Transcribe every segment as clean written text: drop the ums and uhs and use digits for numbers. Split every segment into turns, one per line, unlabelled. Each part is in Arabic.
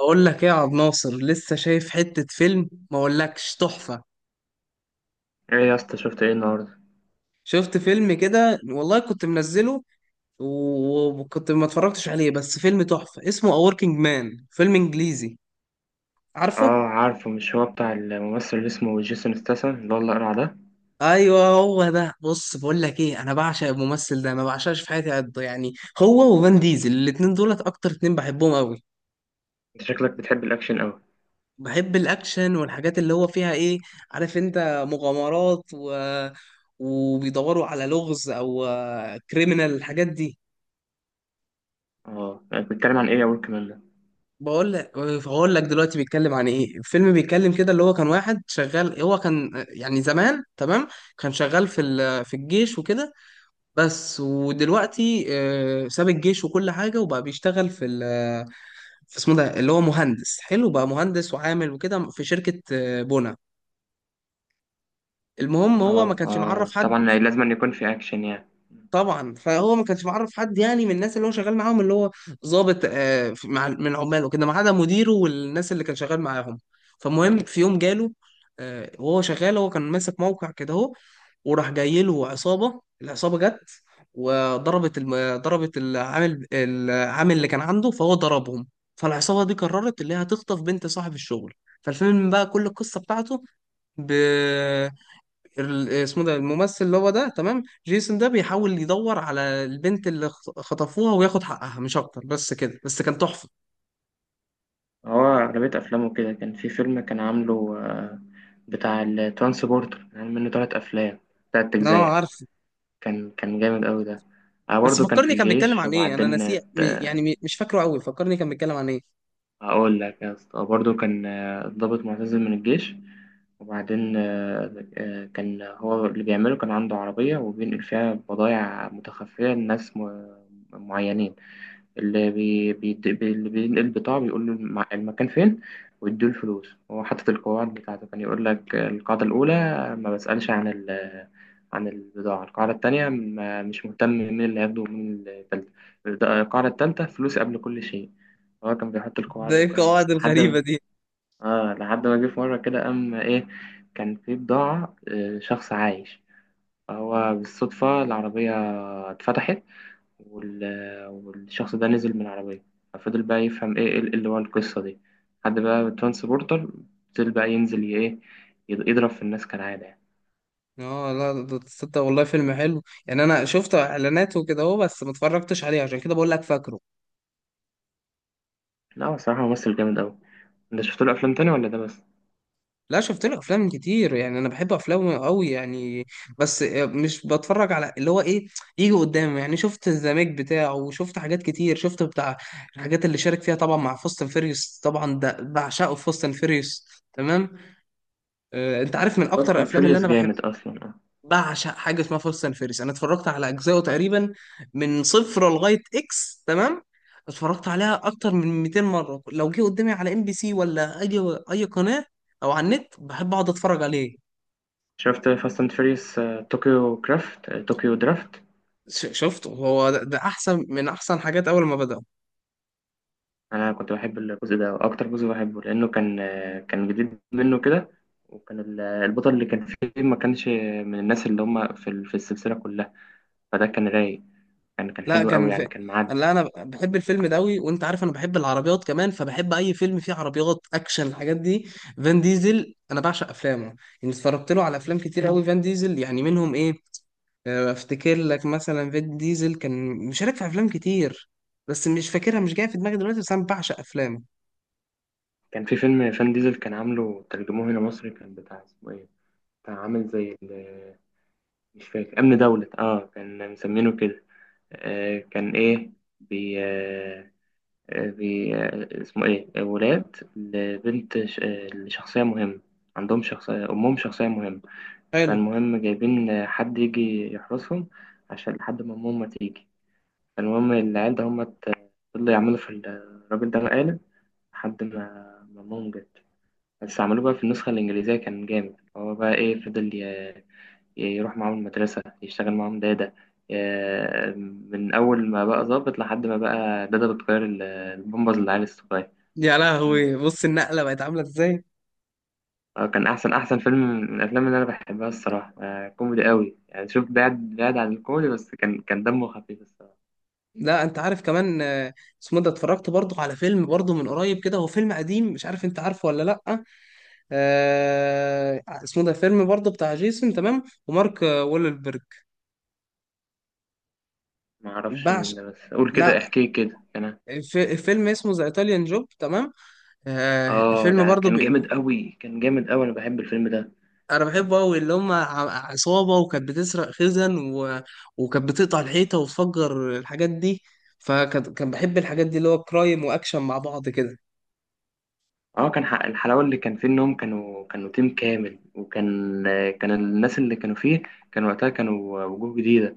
اقول لك ايه يا عبد ناصر؟ لسه شايف حتة فيلم ما اقولكش تحفة.
ايه يا اسطى، شفت ايه النهارده؟
شفت فيلم كده، والله كنت منزله وكنت ما اتفرجتش عليه، بس فيلم تحفة اسمه A Working Man، فيلم انجليزي.
اه،
عارفه؟
عارفه، مش هو بتاع الممثل اللي اسمه جيسون ستاثام اللي هو الاقرع ده؟
ايوه هو ده. بص، بقول لك ايه، انا بعشق الممثل ده، ما بعشقش في حياتي قد، يعني هو وفان ديزل، الاتنين دولت اكتر اتنين بحبهم قوي.
انت شكلك بتحب الاكشن قوي.
بحب الاكشن والحاجات اللي هو فيها ايه، عارف انت، مغامرات، وبيدوروا على لغز او كريمنال، الحاجات دي.
اه، كنت بتتكلم عن ايه يا ورك مان ده؟
بقول لك هقول لك دلوقتي بيتكلم عن ايه. الفيلم بيتكلم كده، اللي هو كان واحد شغال، هو كان يعني زمان، تمام، كان شغال في في الجيش وكده. بس ودلوقتي ساب الجيش وكل حاجه، وبقى بيشتغل في في اسمه ده، اللي هو مهندس، حلو، بقى مهندس وعامل وكده في شركه بنا. المهم، هو ما
اه،
كانش معرف
اه،
حد.
طبعا لازم أن يكون في اكشن يعني.
طبعا، فهو ما كانش معرف حد يعني من الناس اللي هو شغال معاهم، اللي هو ضابط مع من عماله كده، ما عدا مديره والناس اللي كان شغال معاهم. فمهم، في يوم جاله وهو شغال، هو كان ماسك موقع كده اهو، وراح جاي له عصابه. العصابه جت وضربت ضربت العامل اللي كان عنده، فهو ضربهم. فالعصابه دي قررت اللي هي هتخطف بنت صاحب الشغل. فالفيلم بقى كل القصه بتاعته، اسمه ده الممثل اللي هو ده، تمام، جيسون ده بيحاول يدور على البنت اللي خطفوها وياخد حقها، مش اكتر، بس كده، بس كان تحفة.
هو اغلبيه افلامه كده، كان في فيلم كان عامله بتاع الترانسبورتر، يعني منه تلات افلام، تلات
اه
اجزاء.
عارف.
كان جامد قوي ده.
بس
برضه كان في
فكرني كان بيتكلم
الجيش
عن ايه، انا
وبعدين.
نسي يعني مش فاكره قوي، فكرني كان بيتكلم عن ايه.
هقول لك يا اسطى، برضه كان ضابط معتزل من الجيش، وبعدين كان هو اللي بيعمله، كان عنده عربية وبينقل فيها بضايع متخفية لناس معينين. اللي بي بي بي- اللي بينقل البضاعة بيقول له المكان فين، ويديله الفلوس. هو حاطط القواعد بتاعته، كان يقول لك القاعدة الأولى ما بسألش عن البضاعة، القاعدة التانية ما مش مهتم مين اللي هياخده، ومين التالتة القاعدة التالتة فلوس قبل كل شيء. هو كان بيحط
ده
القواعد
ايه
والكلام ده
القواعد الغريبة دي؟
لحد ما جه في مرة كده، قام إيه، كان في بضاعة، شخص عايش. فهو بالصدفة العربية اتفتحت، وال... والشخص ده نزل من العربية، ففضل بقى يفهم إيه اللي ورا القصة دي. لحد بقى ترانسبورتر فضل بقى ينزل ايه، يضرب في الناس كالعادة يعني.
اه لا، ده تصدق والله فيلم حلو يعني، انا شفت اعلاناته كده اهو بس ما اتفرجتش عليه، عشان كده بقول لك فاكره.
لا، هو الصراحة ممثل جامد أوي. انت شفت له أفلام تاني ولا ده بس؟
لا، شفت له افلام كتير، يعني انا بحب افلامه قوي يعني. بس مش بتفرج على اللي هو ايه، يجي قدامي يعني. شفت الزمج بتاعه، وشفت حاجات كتير، شفت بتاع الحاجات اللي شارك فيها طبعا مع فاست اند فيريوس، طبعا ده بعشقه في فاست اند فيريوس. تمام. آه، انت عارف، من اكتر
فاست اند
الافلام اللي
فيريوس
انا بحب،
جامد أصلا، اه.
بعشق حاجه اسمها فاست اند فيريوس. انا اتفرجت على اجزائه تقريبا من صفر لغايه اكس، تمام، اتفرجت عليها اكتر من 200 مره. لو جه قدامي على ام بي سي ولا اي اي قناه، او على النت، بحب اقعد اتفرج عليه.
شفت فاست اند فيريوس طوكيو كرافت، طوكيو درافت؟
شفته، هو ده احسن من احسن حاجات اول ما بدأ.
أنا كنت بحب الجزء ده، وأكتر جزء بحبه لأنه كان كان جديد منه كده، وكان البطل اللي كان فيه ما كانش من الناس اللي هم في السلسلة كلها، فده كان رايق. كان
لا
حلو
كان
قوي يعني،
في.
كان
قال
معدي.
لا، انا بحب الفيلم ده قوي، وانت عارف انا بحب العربيات كمان، فبحب اي فيلم فيه عربيات اكشن، الحاجات دي. فان ديزل انا بعشق افلامه يعني، اتفرجت له على افلام كتير قوي. فان ديزل يعني منهم ايه افتكر لك مثلا، فان ديزل كان مشارك في افلام كتير، بس مش فاكرها، مش جايه في دماغي دلوقتي، بس انا بعشق افلامه.
كان في فيلم فان ديزل كان عامله، ترجموه هنا مصري، كان بتاع، اسمه ايه، بتاع عامل زي مش فاكر، امن دولة، اه كان مسمينه كده. آه كان ايه بي آه آه، بي آه اسمه ايه، ولاد لبنت لشخصية مهمة، عندهم شخصية، أمهم شخصية مهمة.
حلو.
فالمهم جايبين حد يجي يحرسهم عشان لحد ما أمهم ما تيجي. فالمهم العيال ده هما فضلوا يعملوا في الراجل ده مقالب لحد ما مامهم جت. بس عملوه بقى في النسخة الإنجليزية كان جامد، هو بقى إيه، فضل يروح معاهم المدرسة، يشتغل معاهم دادا، ي- من أول ما بقى ظابط لحد ما بقى دادا بتغير البامبرز للعيال الصغير.
يا لهوي، بص النقله بقت عامله ازاي.
كان أحسن فيلم من الأفلام اللي أنا بحبها الصراحة. كوميدي قوي يعني، شوف بعد عن الكوميدي، بس كان دمه خفيف الصراحة.
لا، انت عارف كمان اسمه ده، اتفرجت برضه على فيلم برضه من قريب كده، هو فيلم قديم، مش عارف انت عارفه ولا لا. اسمه ده فيلم برضه بتاع جيسون، تمام، ومارك وولبرج.
ما أعرفش مين
بعشق.
ده، بس قول
لا،
كده، احكي كده كان.
الفيلم اسمه ذا ايطاليان جوب، تمام. الفيلم
ده
برضه
كان جامد قوي، كان جامد قوي، أنا بحب الفيلم ده.
انا بحبه قوي. اللي هم عصابه، وكانت بتسرق خزن وكانت بتقطع الحيطه وتفجر الحاجات دي، فكان كان بحب الحاجات دي، اللي هو كرايم واكشن مع بعض كده.
اه، كان حق الحلاوة اللي كان فيه انهم كانوا تيم كامل، وكان كان الناس اللي كانوا فيه، كان وقتها كانوا وجوه جديدة،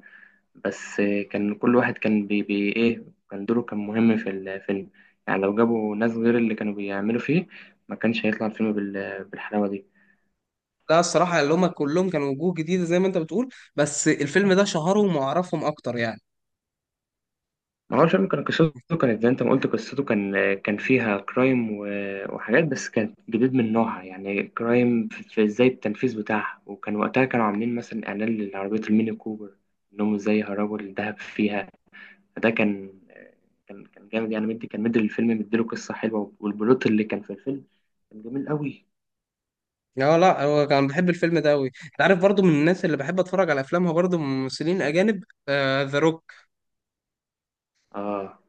بس كان كل واحد كان بي, بي ايه كان دوره كان مهم في الفيلم. يعني لو جابوا ناس غير اللي كانوا بيعملوا فيه ما كانش هيطلع الفيلم بالحلاوة دي.
لا الصراحة، اللي هما كلهم كانوا وجوه جديدة زي ما انت بتقول، بس الفيلم ده شهرهم وعرفهم أكتر يعني.
ما هو شرم كان قصته، كانت زي انت ما قلت. قصته كان فيها كرايم وحاجات، بس كانت جديد من نوعها، يعني كرايم في ازاي التنفيذ بتاعها، وكان وقتها كانوا عاملين مثلا اعلان لعربية الميني كوبر، انهم ازاي هربوا الدهب فيها. فده كان كان جامد يعني، مديله قصة حلوة، والبلوت اللي كان في الفيلم كان جميل قوي.
لا لا، هو كان بحب الفيلم ده أوي. انت عارف، برضو من الناس اللي بحب أتفرج على أفلامها برضو من ممثلين أجانب، ذا روك.
اه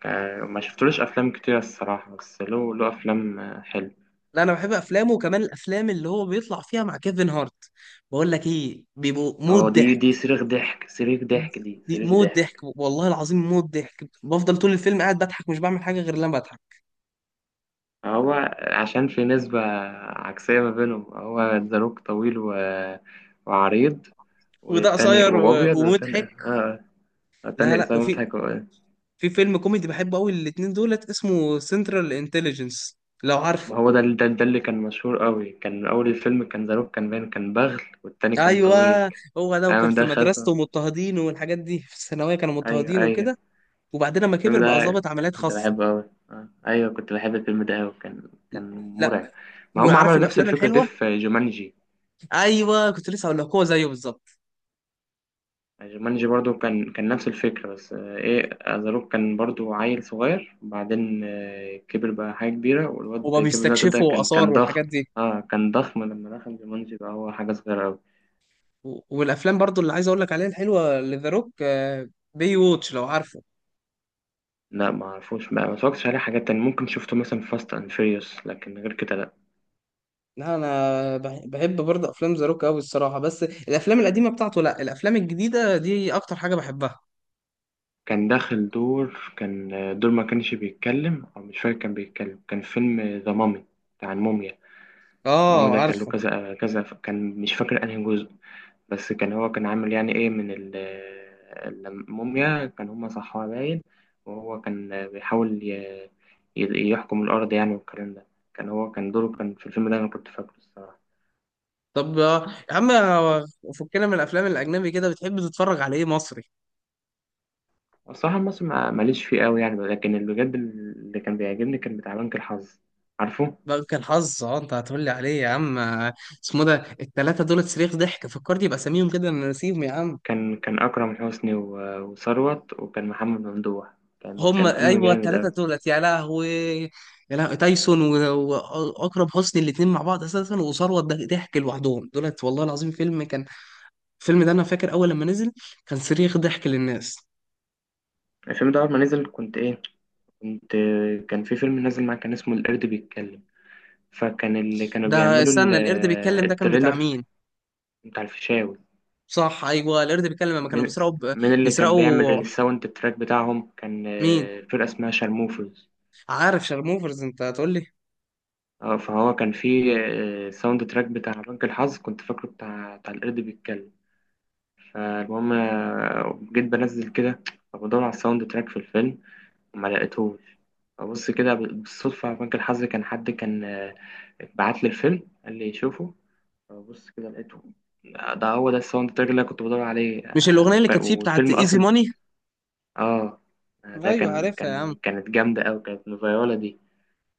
ما شفتلوش افلام كتير الصراحة، بس له افلام حلوة.
لا، أنا بحب أفلامه، وكمان الأفلام اللي هو بيطلع فيها مع كيفن هارت. بقول لك إيه، بيبقوا موت
اه، دي، دي
ضحك.
صريخ ضحك، صريخ ضحك، دي
دي
صريخ
موت ضحك،
ضحك.
والله العظيم موت ضحك، بفضل طول الفيلم قاعد بضحك، مش بعمل حاجة غير لما بضحك.
هو عشان في نسبة عكسية ما بينهم، هو الزاروك طويل وعريض،
وده
والتاني
قصير
وأبيض، والتاني
ومضحك.
آه آه.
لا
التاني
لا،
إسامة
وفي
حاجة.
في فيلم كوميدي بحبه قوي الاتنين دولت، اسمه سنترال انتليجنس، لو
ما
عارفه.
هو ده اللي كان مشهور قوي، كان أول الفيلم كان زاروك كان باين كان بغل، والتاني كان طويل.
ايوه هو ده، وكان
أيوة
في
ده خزن،
مدرسته مضطهدين، والحاجات دي في الثانويه كانوا
أيوه،
مضطهدين
أيوه.
وكده، وبعدين لما
الفيلم
كبر بقى
ده
ضابط عمليات
كنت
خاصه.
بحبه أوي أيوه، كنت بحب الفيلم ده أوي، كان مرعب.
لا.
ما هم
وعارف
عملوا نفس
الافلام
الفكرة دي
الحلوه،
في جومانجي.
ايوه كنت لسه هقول لك، هو زيه بالظبط،
جومانجي برضو كان نفس الفكرة، بس آه، إيه أزاروك كان برضو عيل صغير، بعدين كبر بقى حاجة كبيرة، والواد
هو
كيفن هارت ده
بيستكشفوا
كان
اثار
كان ضخم.
والحاجات دي.
اه كان ضخم، لما دخل جومانجي بقى هو حاجة صغيرة أوي.
والافلام برضو اللي عايز اقول لك عليها الحلوه لذا روك، بي ووتش، لو عارف.
لا ما أعرفوش بقى، ما اتفرجتش عليه. حاجات تانية ممكن شفته مثلا في فاست أند فيريوس، لكن غير كده لأ.
لا، انا بحب برضه افلام ذا روك قوي الصراحه، بس الافلام القديمه بتاعته، لا، الافلام الجديده دي اكتر حاجه بحبها.
كان داخل دور، كان دور ما كانش بيتكلم، أو مش فاكر كان بيتكلم، كان فيلم ذا مامي، بتاع الموميا. المهم
اه
ده كان له
عارفه.
كذا كذا، كان مش فاكر انهي جزء، بس كان هو كان عامل يعني ايه من الموميا، كان هما صحوها باين، وهو كان بيحاول يحكم الأرض يعني والكلام ده. كان هو كان دوره كان في الفيلم ده، أنا كنت فاكره الصراحة.
طب يا عم فكنا من الافلام الاجنبي كده، بتحب تتفرج على ايه مصري؟
الصراحة المصري ماليش فيه قوي يعني، لكن اللي بجد اللي كان بيعجبني كان بتاع بنك الحظ. عارفه؟
بقى كان حظ، اه انت هتقول لي عليه. يا عم اسمه ده، التلاته دول صريخ ضحك، فكرت يبقى اساميهم كده انا ناسيهم يا عم.
كان أكرم حسني وثروت، وكان محمد ممدوح. كان
هم
كان فيلم
ايوه
جامد
التلاته
أوي.
دولت، يا لهوي، يا لهوي، تايسون واكرم حسني الاتنين مع بعض اساسا، وثروت ضحك لوحدهم دولت والله العظيم. فيلم كان، الفيلم ده انا فاكر اول لما نزل كان صريخ ضحك للناس.
الفيلم ده أول ما نزل كنت إيه، كنت كان في فيلم نازل معاه كان اسمه القرد بيتكلم، فكان اللي كانوا
ده
بيعملوا
استنى، القرد بيتكلم ده كان بتاع
التريلر
مين؟
بتاع الفيشاوي.
صح، ايوه القرد بيتكلم لما كانوا
من
بيسرقوا ب...
من اللي كان بيعمل
بيسرقوا
الساوند تراك بتاعهم كان
مين؟
فرقة اسمها شارموفرز.
عارف شارموفرز، انت هتقول لي.
اه، فهو كان في ساوند تراك بتاع بنك الحظ كنت فاكره بتاع القرد بيتكلم. فالمهم جيت بنزل كده، فبدور على الساوند تراك في الفيلم وما لقيتهوش. فبص كده بالصدفة على بنك الحظ، كان حد كان بعت لي الفيلم قال لي شوفه، بص كده لقيته. ده هو ده الساوند تراك اللي أنا كنت بدور عليه،
مش الاغنيه اللي كانت فيه بتاعت
والفيلم
ايزي
أصلا.
ماني؟
آه. ده
ايوه عارفها يا عم.
كانت جامدة أوي، كانت الفيولا دي.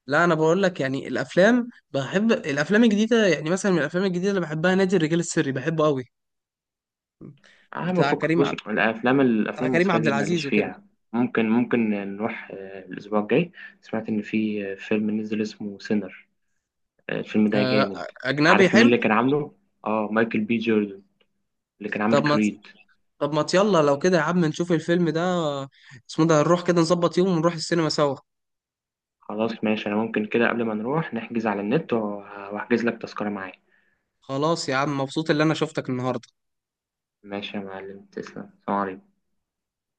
لا انا بقول لك يعني، الافلام بحب الافلام الجديده يعني، مثلا من الافلام الجديده اللي بحبها نادي الرجال السري، بحبه قوي،
أهم
بتاع
فكك،
كريم
بص
عبد
الأفلام
بتاع كريم
المصرية
عبد
دي ماليش
العزيز وكده.
فيها. ممكن نروح الأسبوع الجاي، سمعت إن في فيلم نزل اسمه سينر، الفيلم ده
آه،
جامد.
اجنبي
عارف مين
حلو.
اللي كان عامله؟ آه، مايكل B. جوردن، اللي كان عامل
طب ما ت-
كريد.
طب ما يلا لو كده يا عم، نشوف الفيلم ده، اسمه ده، نروح كده نظبط يوم ونروح السينما سوا.
خلاص ماشي، أنا ممكن كده قبل ما نروح نحجز على النت، وهحجز لك تذكرة معايا.
خلاص يا عم، مبسوط اللي انا شفتك النهارده.
ماشي يا معلم، تسلم، السلام عليكم.